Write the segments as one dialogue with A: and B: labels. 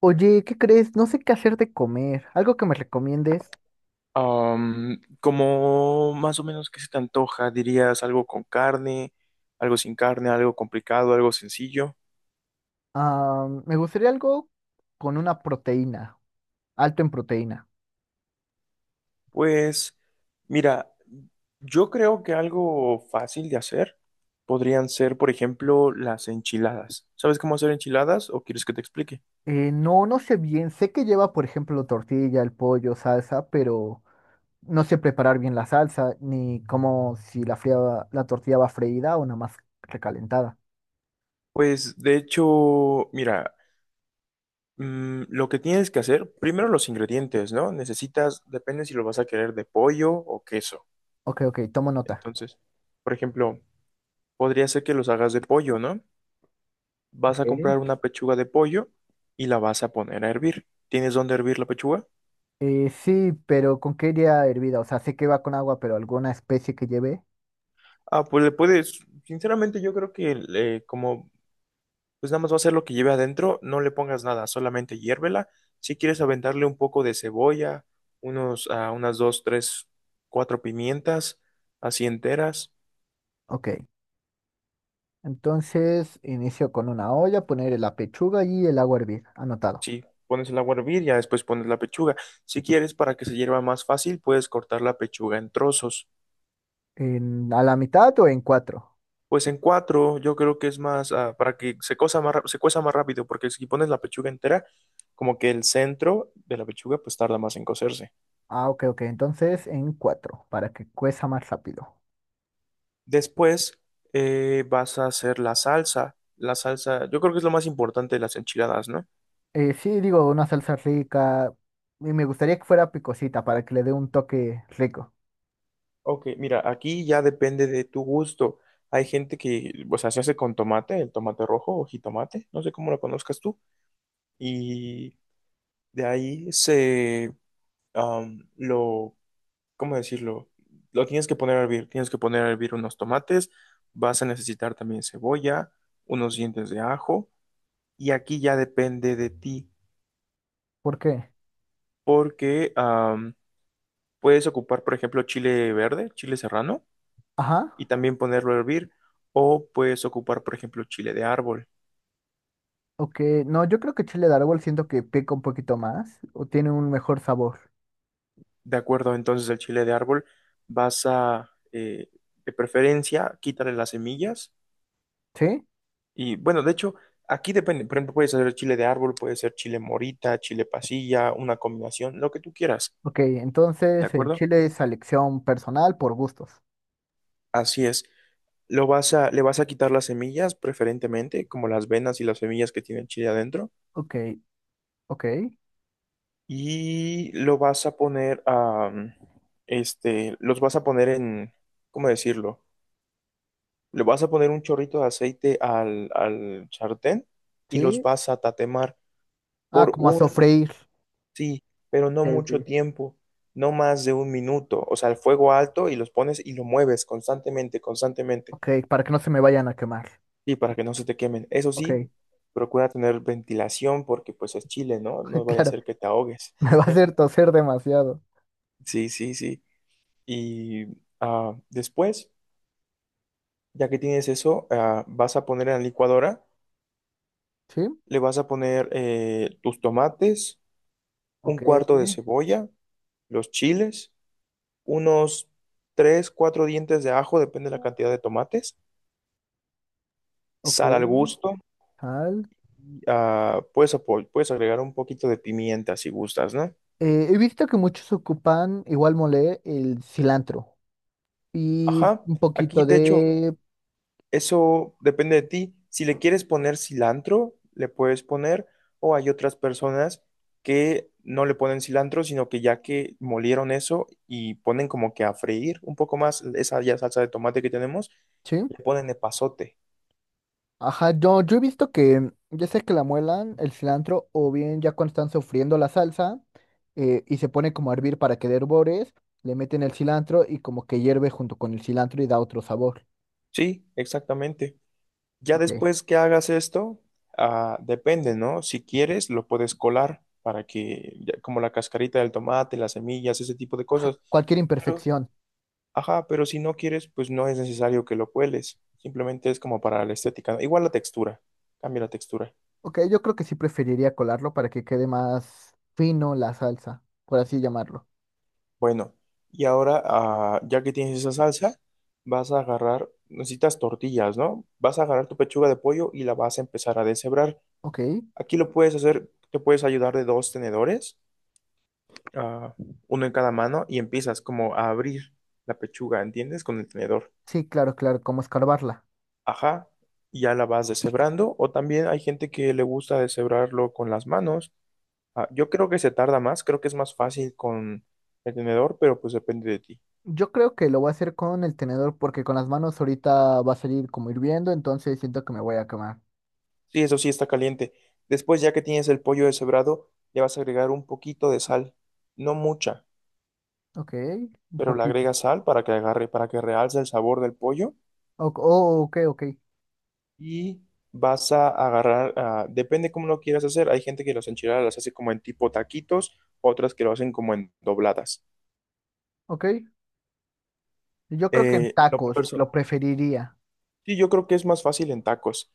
A: Oye, ¿qué crees? No sé qué hacer de comer. ¿Algo que me recomiendes?
B: Como más o menos qué se te antoja, dirías algo con carne, algo sin carne, algo complicado, algo sencillo.
A: Ah, me gustaría algo con una proteína, alto en proteína.
B: Pues mira, yo creo que algo fácil de hacer podrían ser, por ejemplo, las enchiladas. ¿Sabes cómo hacer enchiladas o quieres que te explique?
A: No, no sé bien. Sé que lleva, por ejemplo, tortilla, el pollo, salsa, pero no sé preparar bien la salsa, ni cómo si la fría, la tortilla va freída o nada más recalentada.
B: Pues de hecho, mira, lo que tienes que hacer, primero los ingredientes, ¿no? Necesitas, depende si lo vas a querer de pollo o queso.
A: Ok, ok, tomo nota.
B: Entonces, por ejemplo, podría ser que los hagas de pollo, ¿no? Vas a comprar
A: Ok.
B: una pechuga de pollo y la vas a poner a hervir. ¿Tienes dónde hervir la pechuga?
A: Sí, pero ¿con qué iría hervida? O sea, sé que va con agua, pero ¿alguna especie que lleve?
B: Ah, pues le puedes, sinceramente yo creo que como pues nada más va a ser lo que lleve adentro, no le pongas nada, solamente hiérvela. Si quieres aventarle un poco de cebolla, unos, unas dos, tres, cuatro pimientas, así enteras.
A: Ok. Entonces, inicio con una olla, poner la pechuga y el agua a hervir. Anotado.
B: Sí, pones el agua a hervir, ya después pones la pechuga. Si quieres para que se hierva más fácil, puedes cortar la pechuga en trozos.
A: ¿En, a la mitad o en cuatro?
B: Pues en cuatro yo creo que es más para que se cosa más, se cueza más rápido, porque si pones la pechuga entera, como que el centro de la pechuga pues tarda más en cocerse.
A: Ah, ok, ok. Entonces, en cuatro, para que cueza más rápido.
B: Después vas a hacer la salsa. La salsa, yo creo que es lo más importante de las enchiladas, ¿no?
A: Sí, digo, una salsa rica. Y me gustaría que fuera picosita, para que le dé un toque rico.
B: Ok, mira, aquí ya depende de tu gusto. Hay gente que, o sea, se hace con tomate, el tomate rojo o jitomate, no sé cómo lo conozcas tú. Y de ahí se lo ¿cómo decirlo? Lo tienes que poner a hervir, tienes que poner a hervir unos tomates, vas a necesitar también cebolla, unos dientes de ajo, y aquí ya depende de ti,
A: ¿Por qué?
B: porque puedes ocupar, por ejemplo, chile verde, chile serrano, y
A: Ajá.
B: también ponerlo a hervir, o puedes ocupar, por ejemplo, chile de árbol.
A: Ok. No, yo creo que chile de árbol siento que pica un poquito más o tiene un mejor sabor.
B: De acuerdo, entonces el chile de árbol vas a, de preferencia, quítale las semillas.
A: ¿Sí?
B: Y bueno, de hecho, aquí depende. Por ejemplo, puedes hacer chile de árbol, puede ser chile morita, chile pasilla, una combinación, lo que tú quieras.
A: Ok,
B: ¿De
A: entonces el
B: acuerdo?
A: chile es selección personal por gustos.
B: Así es. Le vas a quitar las semillas, preferentemente, como las venas y las semillas que tiene el chile adentro.
A: Ok, ok,
B: Y lo vas a poner a, este, los vas a poner en, ¿cómo decirlo? Le vas a poner un chorrito de aceite al sartén y los
A: sí.
B: vas a tatemar
A: Ah,
B: por
A: como a
B: un...
A: sofreír.
B: Sí, pero no
A: Ok,
B: mucho
A: ok,
B: tiempo, no más de un minuto. O sea, el fuego alto y los pones y lo mueves constantemente.
A: ok, para que no se me vayan a quemar.
B: Y para que no se te quemen. Eso sí,
A: Ok,
B: procura tener ventilación porque pues es Chile, ¿no? No vaya a
A: claro,
B: ser que te ahogues.
A: me va a hacer toser demasiado.
B: Sí, sí, sí. Y después, ya que tienes eso, vas a poner en la licuadora,
A: Sí,
B: le vas a poner tus tomates, un
A: ok,
B: cuarto de cebolla, los chiles, unos tres, cuatro dientes de ajo, depende de la cantidad de tomates,
A: ok,
B: sal al gusto,
A: tal.
B: puedes, puedes agregar un poquito de pimienta si gustas, ¿no?
A: He visto que muchos ocupan, igual mole, el cilantro y
B: Ajá,
A: un
B: aquí
A: poquito
B: de hecho,
A: de...
B: eso depende de ti. Si le quieres poner cilantro, le puedes poner, o hay otras personas que no le ponen cilantro, sino que ya que molieron eso y ponen como que a freír un poco más esa ya salsa de tomate que tenemos,
A: Sí,
B: le ponen epazote.
A: ajá, yo he visto que ya sea que la muelan, el cilantro, o bien ya cuando están sofriendo la salsa y se pone como a hervir para que dé hervores, le meten el cilantro y como que hierve junto con el cilantro y da otro sabor.
B: Sí, exactamente. Ya
A: Ok.
B: después que hagas esto, depende, ¿no? Si quieres, lo puedes colar para que, como la cascarita del tomate, las semillas, ese tipo de
A: Ajá,
B: cosas.
A: cualquier
B: Pero,
A: imperfección.
B: ajá, pero si no quieres, pues no es necesario que lo cueles. Simplemente es como para la estética, ¿no? Igual la textura, cambia la textura.
A: Ok, yo creo que sí preferiría colarlo para que quede más fino la salsa, por así llamarlo.
B: Bueno, y ahora, ya que tienes esa salsa, vas a agarrar, necesitas tortillas, ¿no? Vas a agarrar tu pechuga de pollo y la vas a empezar a deshebrar.
A: Ok.
B: Aquí lo puedes hacer, te puedes ayudar de dos tenedores, ah, uno en cada mano y empiezas como a abrir la pechuga, ¿entiendes? Con el tenedor.
A: Sí, claro, claro, como escarbarla.
B: Ajá, y ya la vas deshebrando. O también hay gente que le gusta deshebrarlo con las manos. Ah, yo creo que se tarda más, creo que es más fácil con el tenedor, pero pues depende de ti.
A: Yo creo que lo voy a hacer con el tenedor porque con las manos ahorita va a salir como hirviendo, entonces siento que me voy a quemar.
B: Sí, eso sí está caliente. Después, ya que tienes el pollo deshebrado, le vas a agregar un poquito de sal. No mucha,
A: Ok, un
B: pero le
A: poquito.
B: agregas sal para que agarre, para que realce el sabor del pollo.
A: Oh, ok, ok.
B: Y vas a agarrar, depende cómo lo quieras hacer. Hay gente que los enchiladas las hace como en tipo taquitos, otras que lo hacen como en dobladas.
A: Ok, yo creo que en
B: Eh, lo
A: tacos
B: perso-
A: lo preferiría.
B: sí, yo creo que es más fácil en tacos.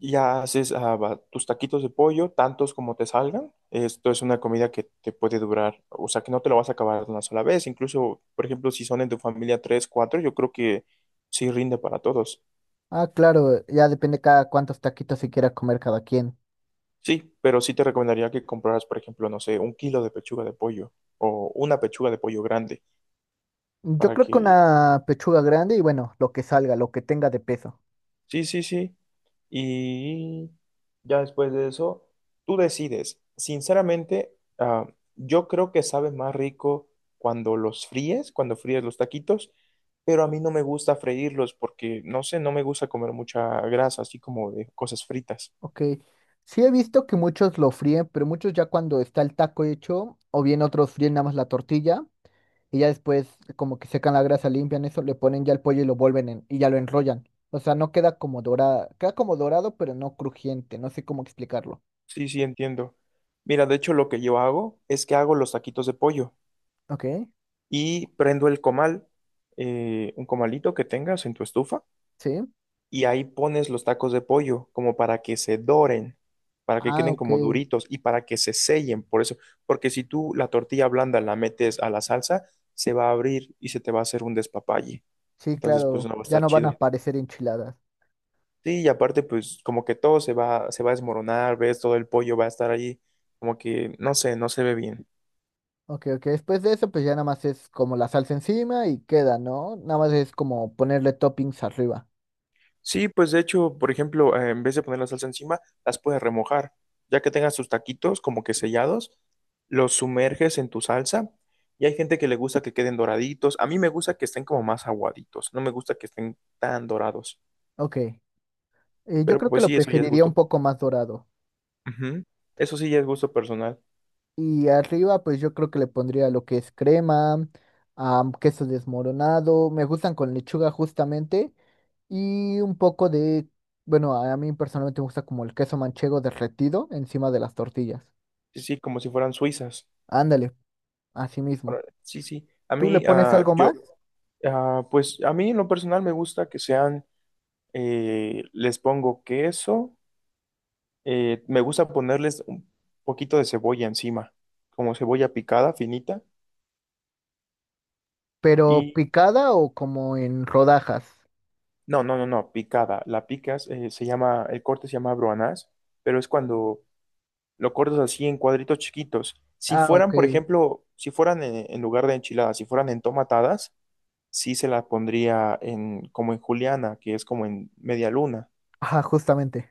B: Ya haces tus taquitos de pollo, tantos como te salgan. Esto es una comida que te puede durar, o sea, que no te lo vas a acabar de una sola vez. Incluso, por ejemplo, si son en tu familia tres, cuatro, yo creo que sí rinde para todos.
A: Ah, claro, ya depende cada cuántos taquitos se quiera comer cada quien.
B: Sí, pero sí te recomendaría que compraras, por ejemplo, no sé, un kilo de pechuga de pollo o una pechuga de pollo grande
A: Yo
B: para
A: creo que
B: que...
A: una pechuga grande y bueno, lo que salga, lo que tenga de peso.
B: Sí, sí, sí. Y ya después de eso, tú decides. Sinceramente, yo creo que sabe más rico cuando los fríes, cuando fríes los taquitos, pero a mí no me gusta freírlos porque, no sé, no me gusta comer mucha grasa, así como de cosas fritas.
A: Ok, sí he visto que muchos lo fríen, pero muchos ya cuando está el taco hecho, o bien otros fríen nada más la tortilla. Y ya después como que secan la grasa, limpian eso, le ponen ya el pollo y lo vuelven y ya lo enrollan. O sea, no queda como dorada, queda como dorado, pero no crujiente, no sé cómo explicarlo.
B: Sí, sí, entiendo. Mira, de hecho lo que yo hago es que hago los taquitos de pollo.
A: Ok,
B: Y prendo el comal, un comalito que tengas en tu estufa,
A: sí.
B: y ahí pones los tacos de pollo como para que se doren, para que
A: Ah,
B: queden
A: ok.
B: como duritos y para que se sellen, por eso, porque si tú la tortilla blanda la metes a la salsa, se va a abrir y se te va a hacer un despapalle.
A: Sí,
B: Entonces, pues
A: claro,
B: no va a
A: ya
B: estar
A: no van a
B: chido.
A: aparecer enchiladas.
B: Sí, y aparte, pues como que todo se va a desmoronar, ves, todo el pollo va a estar ahí, como que, no sé, no se ve bien.
A: Ok, ok. Después de eso, pues ya nada más es como la salsa encima y queda, ¿no? Nada más es como ponerle toppings arriba.
B: Sí, pues de hecho, por ejemplo, en vez de poner la salsa encima, las puedes remojar. Ya que tengas tus taquitos como que sellados, los sumerges en tu salsa. Y hay gente que le gusta que queden doraditos. A mí me gusta que estén como más aguaditos. No me gusta que estén tan dorados.
A: Ok. Yo
B: Pero
A: creo que
B: pues
A: lo
B: sí, eso ya es
A: preferiría
B: gusto.
A: un poco más dorado.
B: Ujú. Eso sí ya es gusto personal.
A: Y arriba, pues yo creo que le pondría lo que es crema, queso desmoronado. Me gustan con lechuga justamente. Y un poco de, bueno, a mí personalmente me gusta como el queso manchego derretido encima de las tortillas.
B: Sí, sí, como si fueran suizas.
A: Ándale, así mismo.
B: Ahora, sí, sí. A
A: ¿Tú le
B: mí,
A: pones
B: ah,
A: algo
B: yo,
A: más,
B: ah, pues a mí en lo personal me gusta que sean, les pongo queso. Me gusta ponerles un poquito de cebolla encima, como cebolla picada, finita.
A: pero
B: Y
A: picada o como en rodajas?
B: no, picada. La picas, el corte se llama broanás, pero es cuando lo cortas así en cuadritos chiquitos. Si
A: Ah, ok.
B: fueran, por ejemplo, si fueran en lugar de enchiladas, si fueran en tomatadas, sí se las pondría en, como en juliana, que es como en media luna.
A: Ajá, justamente.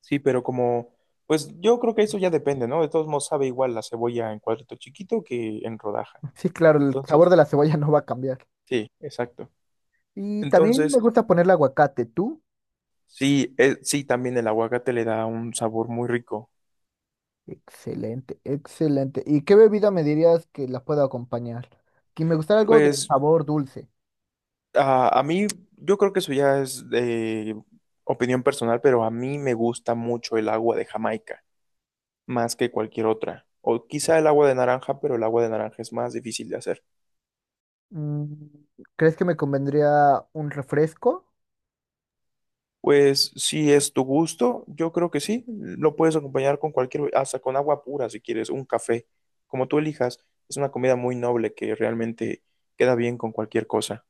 B: Sí, pero como, pues yo creo que eso ya depende, ¿no? De todos modos sabe igual la cebolla en cuadrito chiquito que en rodaja.
A: Sí, claro, el sabor
B: Entonces.
A: de la cebolla no va a cambiar.
B: Sí, exacto.
A: Y también me
B: Entonces,
A: gusta ponerle aguacate. ¿Tú?
B: sí, sí, también el aguacate le da un sabor muy rico.
A: Excelente, excelente. ¿Y qué bebida me dirías que la pueda acompañar? Que me gustaría algo de
B: Pues
A: sabor dulce.
B: a mí, yo creo que eso ya es de opinión personal, pero a mí me gusta mucho el agua de Jamaica, más que cualquier otra. O quizá el agua de naranja, pero el agua de naranja es más difícil de hacer.
A: Mm, ¿crees que me convendría un refresco?
B: Pues si es tu gusto, yo creo que sí. Lo puedes acompañar con cualquier, hasta con agua pura si quieres, un café, como tú elijas. Es una comida muy noble que realmente queda bien con cualquier cosa.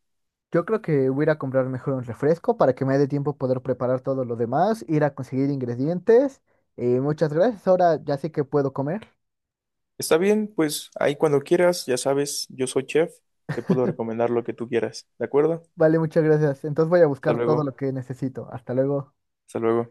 A: Yo creo que voy a ir a comprar mejor un refresco para que me dé tiempo poder preparar todo lo demás, ir a conseguir ingredientes. Muchas gracias, ahora ya sé que puedo comer.
B: Está bien, pues ahí cuando quieras, ya sabes, yo soy chef, te puedo recomendar lo que tú quieras, ¿de acuerdo?
A: Vale, muchas gracias. Entonces voy a
B: Hasta
A: buscar todo
B: luego,
A: lo que necesito. Hasta luego.
B: hasta luego.